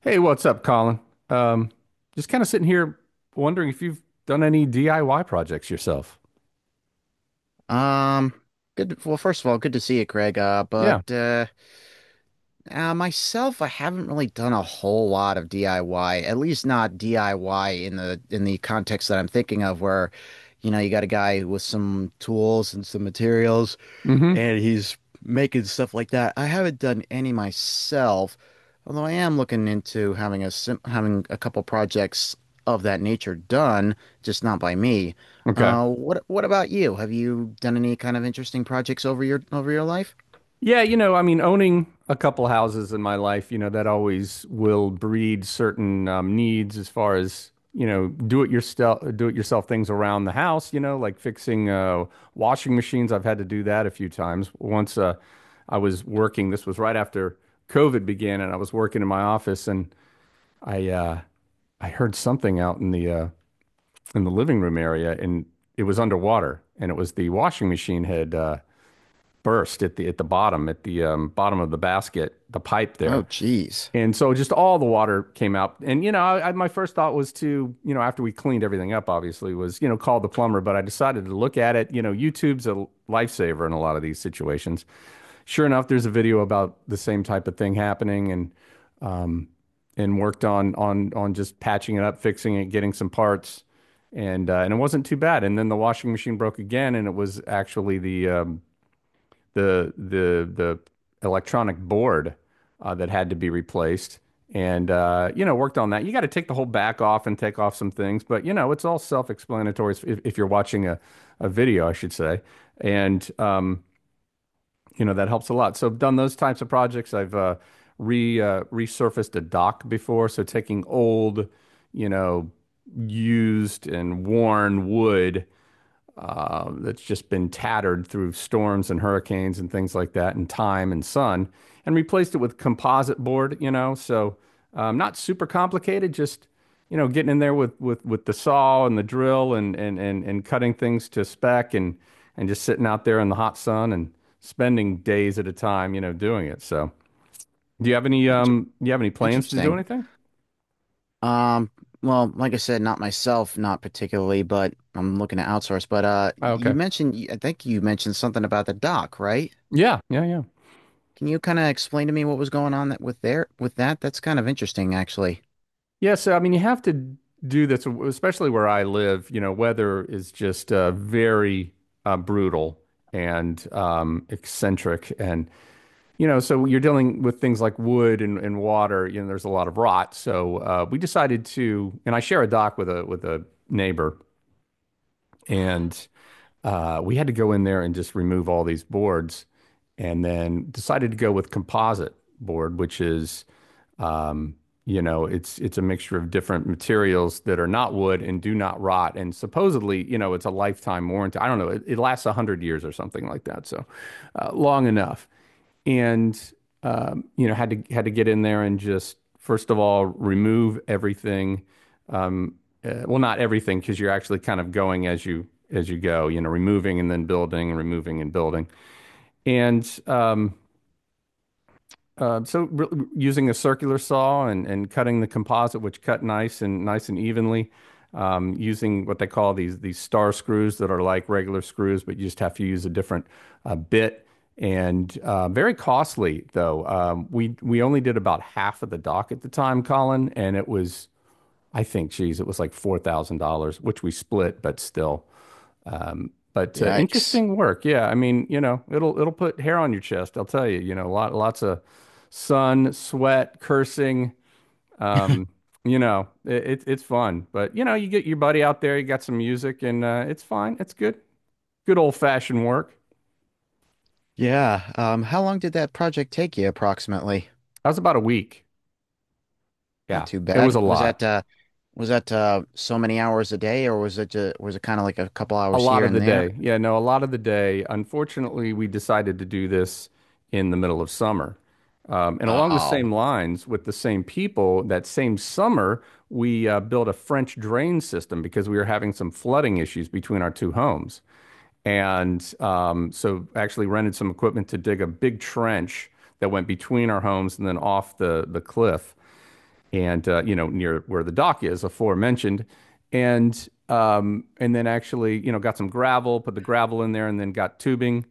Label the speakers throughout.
Speaker 1: Hey, what's up, Colin? Um, just kind of sitting here wondering if you've done any DIY projects yourself.
Speaker 2: Um, Good. Well, first of all, good to see you, Craig. Uh, but
Speaker 1: Yeah.
Speaker 2: uh, uh, myself, I haven't really done a whole lot of DIY. At least not DIY in the context that I'm thinking of, where you got a guy with some tools and some materials,
Speaker 1: Mm-hmm.
Speaker 2: and he's making stuff like that. I haven't done any myself, although I am looking into having a couple projects of that nature done, just not by me.
Speaker 1: Okay.
Speaker 2: What about you? Have you done any kind of interesting projects over your life?
Speaker 1: Yeah, you know, I mean, owning a couple houses in my life, you know, that always will breed certain needs as far as, you know, do it yourself things around the house, you know, like fixing washing machines. I've had to do that a few times. Once I was working, this was right after COVID began, and I was working in my office and I, uh, I heard something out in the living room area, and it was underwater, and it was the washing machine had burst at the bottom of the basket, the pipe there,
Speaker 2: Oh, geez.
Speaker 1: and so just all the water came out. And you know, my first thought was to, you know, after we cleaned everything up, obviously was, you know, call the plumber, but I decided to look at it. You know, YouTube's a lifesaver in a lot of these situations. Sure enough, there's a video about the same type of thing happening, and and worked on just patching it up, fixing it, getting some parts, and it wasn't too bad. And then the washing machine broke again, and it was actually the the electronic board that had to be replaced. And you know, worked on that. You got to take the whole back off and take off some things, but you know, it's all self-explanatory if you're watching a video, I should say. And you know, that helps a lot. So I've done those types of projects. I've re resurfaced a dock before, so taking old, you know, used and worn wood that's just been tattered through storms and hurricanes and things like that, and time and sun, and replaced it with composite board, you know. So not super complicated, just you know, getting in there with with the saw and the drill and and cutting things to spec and just sitting out there in the hot sun and spending days at a time, you know, doing it. So do you have any
Speaker 2: Inter
Speaker 1: do you have any plans to do
Speaker 2: interesting.
Speaker 1: anything?
Speaker 2: Um, well, like I said, not myself, not particularly, but I'm looking to outsource. But
Speaker 1: Oh,
Speaker 2: you
Speaker 1: okay.
Speaker 2: mentioned, I think you mentioned something about the dock, right?
Speaker 1: Yeah, yeah, yeah.
Speaker 2: Can you kind of explain to me what was going on that with there with that? That's kind of interesting, actually.
Speaker 1: Yeah, so I mean, you have to do this, especially where I live. You know, weather is just very brutal and eccentric, and you know, so you're dealing with things like wood and water. You know, there's a lot of rot. So we decided to, and I share a dock with a neighbor, and we had to go in there and just remove all these boards, and then decided to go with composite board, which is um, you know, it's a mixture of different materials that are not wood and do not rot. And supposedly, you know, it's a lifetime warranty. I don't know. It lasts 100 years or something like that. So long enough. And you know, had to get in there and just first of all remove everything. Um, well, not everything because you're actually kind of going as you go. You know, removing and then building and removing and building. And so re using a circular saw and cutting the composite, which cut nice and evenly, using what they call these star screws that are like regular screws, but you just have to use a different bit and very costly though. We only did about half of the dock at the time, Colin, and it was, I think, geez, it was like $4,000, which we split, but still. But
Speaker 2: Yikes.
Speaker 1: interesting work. Yeah, I mean, you know, it'll put hair on your chest. I'll tell you. You know, lots of sun, sweat, cursing. Um, you know, it's fun. But you know, you get your buddy out there. You got some music, and it's fine. It's good. Good old fashioned work.
Speaker 2: Yeah. How long did that project take you approximately?
Speaker 1: That was about a week.
Speaker 2: Not
Speaker 1: Yeah.
Speaker 2: too
Speaker 1: It was
Speaker 2: bad.
Speaker 1: a
Speaker 2: Was
Speaker 1: lot.
Speaker 2: that uh was that uh so many hours a day, or was it kind of like a couple
Speaker 1: A
Speaker 2: hours
Speaker 1: lot
Speaker 2: here
Speaker 1: of the
Speaker 2: and there?
Speaker 1: day. Yeah, no, a lot of the day. Unfortunately, we decided to do this in the middle of summer. And along the
Speaker 2: Oh.
Speaker 1: same lines, with the same people, that same summer, we built a French drain system because we were having some flooding issues between our two homes. And so actually rented some equipment to dig a big trench that went between our homes and then off the cliff and you know, near where the dock is aforementioned. And and then actually, you know, got some gravel, put the gravel in there, and then got tubing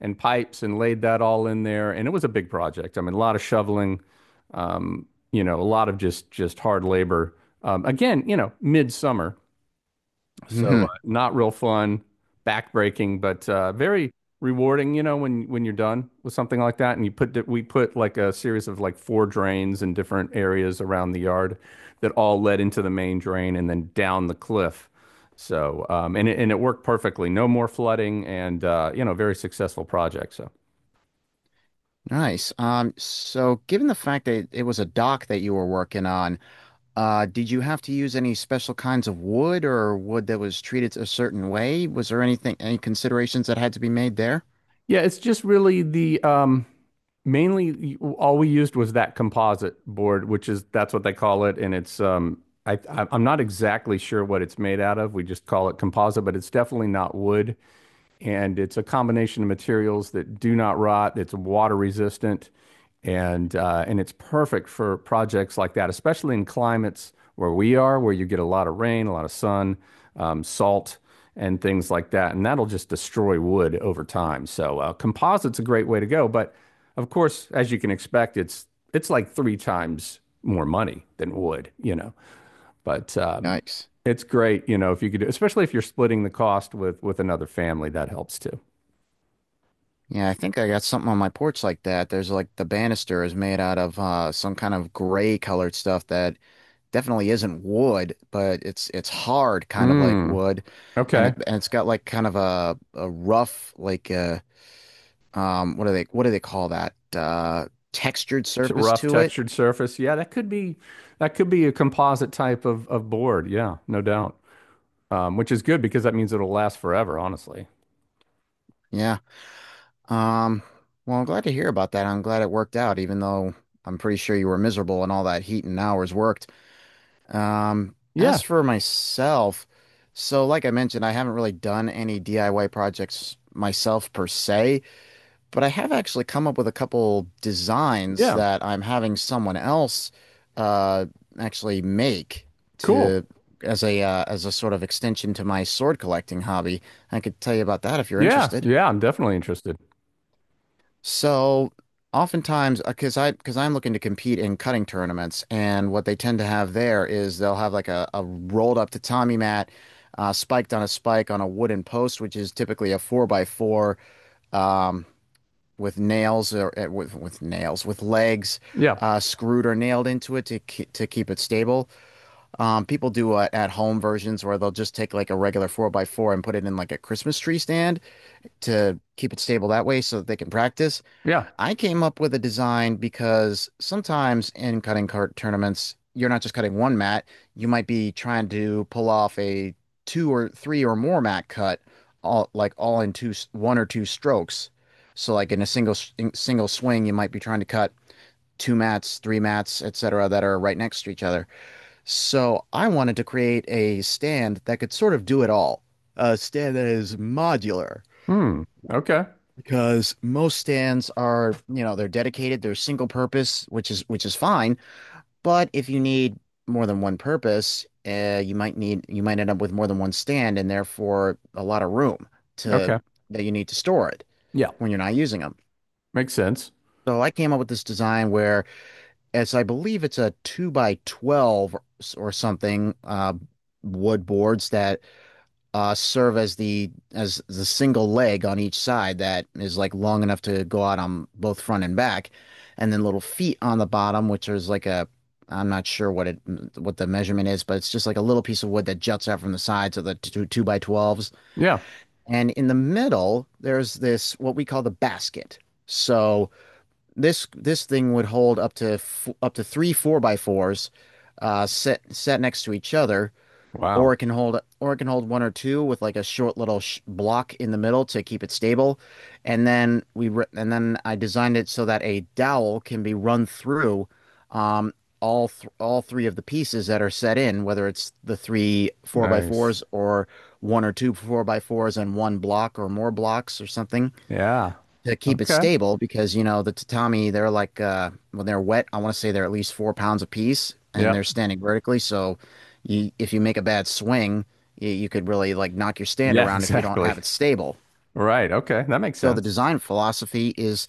Speaker 1: and pipes and laid that all in there, and it was a big project. I mean, a lot of shoveling, um, you know, a lot of just hard labor. Again, you know, midsummer, so
Speaker 2: Hmm.
Speaker 1: not real fun, backbreaking, but very rewarding. You know, when you're done with something like that, and we put like a series of like four drains in different areas around the yard that all led into the main drain and then down the cliff. So and and it worked perfectly. No more flooding, and you know, very successful project. So.
Speaker 2: Nice. So given the fact that it was a dock that you were working on, did you have to use any special kinds of wood or wood that was treated a certain way? Was there anything, any considerations that had to be made there?
Speaker 1: Yeah, it's just really the mainly all we used was that composite board, which is that's what they call it, and it's I'm not exactly sure what it's made out of. We just call it composite, but it's definitely not wood, and it's a combination of materials that do not rot. It's water resistant, and it's perfect for projects like that, especially in climates where we are, where you get a lot of rain, a lot of sun, salt, and things like that, and that'll just destroy wood over time. So composite's a great way to go, but of course, as you can expect, it's like three times more money than wood, you know. But
Speaker 2: Yikes.
Speaker 1: it's great, you know, if you could do, especially if you're splitting the cost with another family, that helps too.
Speaker 2: Yeah, I think I got something on my porch like that. There's like the banister is made out of some kind of gray colored stuff that definitely isn't wood, but it's hard, kind of like
Speaker 1: Mm,
Speaker 2: wood, and
Speaker 1: okay.
Speaker 2: it's got like kind of a rough, like, what do they call that, textured surface
Speaker 1: Rough
Speaker 2: to it?
Speaker 1: textured surface. Yeah, that could be a composite type of board. Yeah, no doubt. Which is good because that means it'll last forever, honestly.
Speaker 2: Yeah. Um. Well, I'm glad to hear about that. I'm glad it worked out, even though I'm pretty sure you were miserable and all that heat and hours worked. As
Speaker 1: Yeah,
Speaker 2: for myself, so like I mentioned, I haven't really done any DIY projects myself per se, but I have actually come up with a couple designs
Speaker 1: yeah.
Speaker 2: that I'm having someone else uh actually make
Speaker 1: Cool.
Speaker 2: to as a sort of extension to my sword collecting hobby. I could tell you about that if you're
Speaker 1: Yeah,
Speaker 2: interested.
Speaker 1: yeah, I'm definitely interested.
Speaker 2: So oftentimes, because I'm looking to compete in cutting tournaments, and what they tend to have there is they'll have like a rolled up tatami mat, spiked on a spike on a wooden post, which is typically a four by four, um, with nails or with nails with legs,
Speaker 1: Yeah,
Speaker 2: screwed or nailed into it to keep it stable. People do at home versions where they'll just take like a regular four by four and put it in like a Christmas tree stand to keep it stable that way so that they can practice.
Speaker 1: yeah.
Speaker 2: I came up with a design because sometimes in cutting cart tournaments, you're not just cutting one mat. You might be trying to pull off a two or three or more mat cut, all in one or two strokes. So like in a single swing, you might be trying to cut two mats, three mats, etc., that are right next to each other. So I wanted to create a stand that could sort of do it all, a stand that is modular,
Speaker 1: Hmm. Okay.
Speaker 2: because most stands are, they're dedicated, they're single purpose, which is fine. But if you need more than one purpose, you might end up with more than one stand and therefore a lot of room to
Speaker 1: Okay.
Speaker 2: that you need to store it
Speaker 1: Yeah.
Speaker 2: when you're not using them.
Speaker 1: Makes sense.
Speaker 2: So I came up with this design where, as I believe it's a two by 12 or something, wood boards that serve as the single leg on each side, that is like long enough to go out on both front and back, and then little feet on the bottom, which is like a — I'm not sure what the measurement is, but it's just like a little piece of wood that juts out from the sides of the two, two by 12s.
Speaker 1: Yeah.
Speaker 2: And in the middle there's this, what we call, the basket. So this thing would hold up to three four by fours, set next to each other, or
Speaker 1: Wow.
Speaker 2: it can hold one or two with like a short little sh block in the middle to keep it stable. And then I designed it so that a dowel can be run through, um, all three of the pieces that are set in, whether it's the three four by
Speaker 1: Nice.
Speaker 2: fours, or one or two four by fours and one block or more blocks or something,
Speaker 1: Yeah.
Speaker 2: to keep it
Speaker 1: Okay.
Speaker 2: stable. Because the tatami, they're like, when they're wet, I want to say they're at least 4 pounds a piece, and
Speaker 1: Yeah.
Speaker 2: they're standing vertically. So you if you make a bad swing, you could really like knock your stand
Speaker 1: Yeah,
Speaker 2: around if you don't
Speaker 1: exactly.
Speaker 2: have it stable.
Speaker 1: Right. Okay. That makes
Speaker 2: So the
Speaker 1: sense.
Speaker 2: design philosophy is,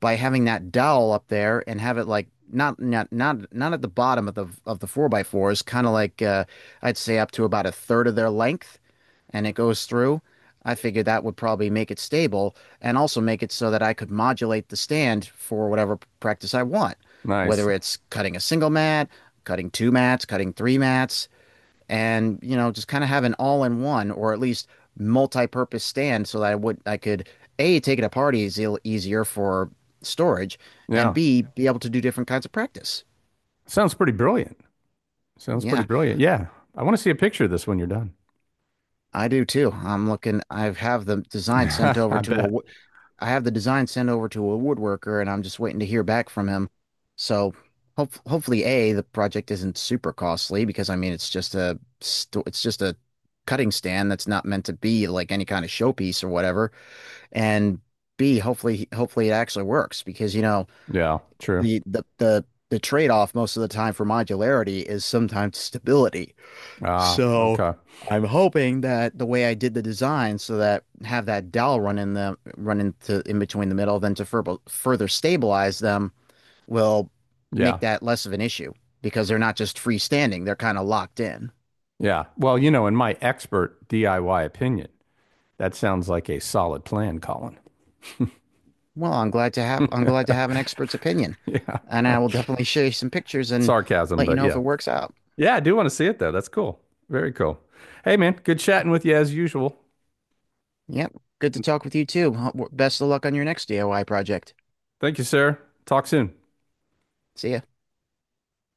Speaker 2: by having that dowel up there and have it like not at the bottom of the four by fours, kind of like, I'd say up to about a third of their length, and it goes through. I figured that would probably make it stable and also make it so that I could modulate the stand for whatever practice I want,
Speaker 1: Nice.
Speaker 2: whether it's cutting a single mat, cutting two mats, cutting three mats, and just kind of have an all-in-one, or at least multi-purpose, stand, so that I could A, take it to parties, easier for storage, and
Speaker 1: Yeah.
Speaker 2: B, be able to do different kinds of practice.
Speaker 1: Sounds pretty brilliant. Sounds pretty
Speaker 2: Yeah,
Speaker 1: brilliant. Yeah. I want to see a picture of this when you're done.
Speaker 2: I do too.
Speaker 1: I bet.
Speaker 2: I have the design sent over to a woodworker, and I'm just waiting to hear back from him. So hopefully A, the project isn't super costly, because I mean it's just a cutting stand that's not meant to be like any kind of showpiece or whatever. And B, hopefully it actually works, because
Speaker 1: Yeah, true.
Speaker 2: the the the the trade-off most of the time for modularity is sometimes stability.
Speaker 1: Ah,
Speaker 2: So
Speaker 1: okay.
Speaker 2: I'm hoping that the way I did the design, so that have that dowel run into in between the middle, then to further stabilize them, will
Speaker 1: Yeah.
Speaker 2: make that less of an issue, because they're not just freestanding, they're kind of locked in.
Speaker 1: Yeah. Well, you know, in my expert DIY opinion, that sounds like a solid plan, Colin.
Speaker 2: Well, I'm glad to have I'm glad to have an expert's opinion.
Speaker 1: Yeah.
Speaker 2: And I will definitely show you some pictures and
Speaker 1: Sarcasm,
Speaker 2: let you
Speaker 1: but
Speaker 2: know if
Speaker 1: yeah.
Speaker 2: it works out.
Speaker 1: Yeah, I do want to see it though. That's cool. Very cool. Hey man, good chatting with you as usual.
Speaker 2: Yep. Good to talk with you too. Best of luck on your next DIY project.
Speaker 1: Thank you, sir. Talk soon.
Speaker 2: See ya.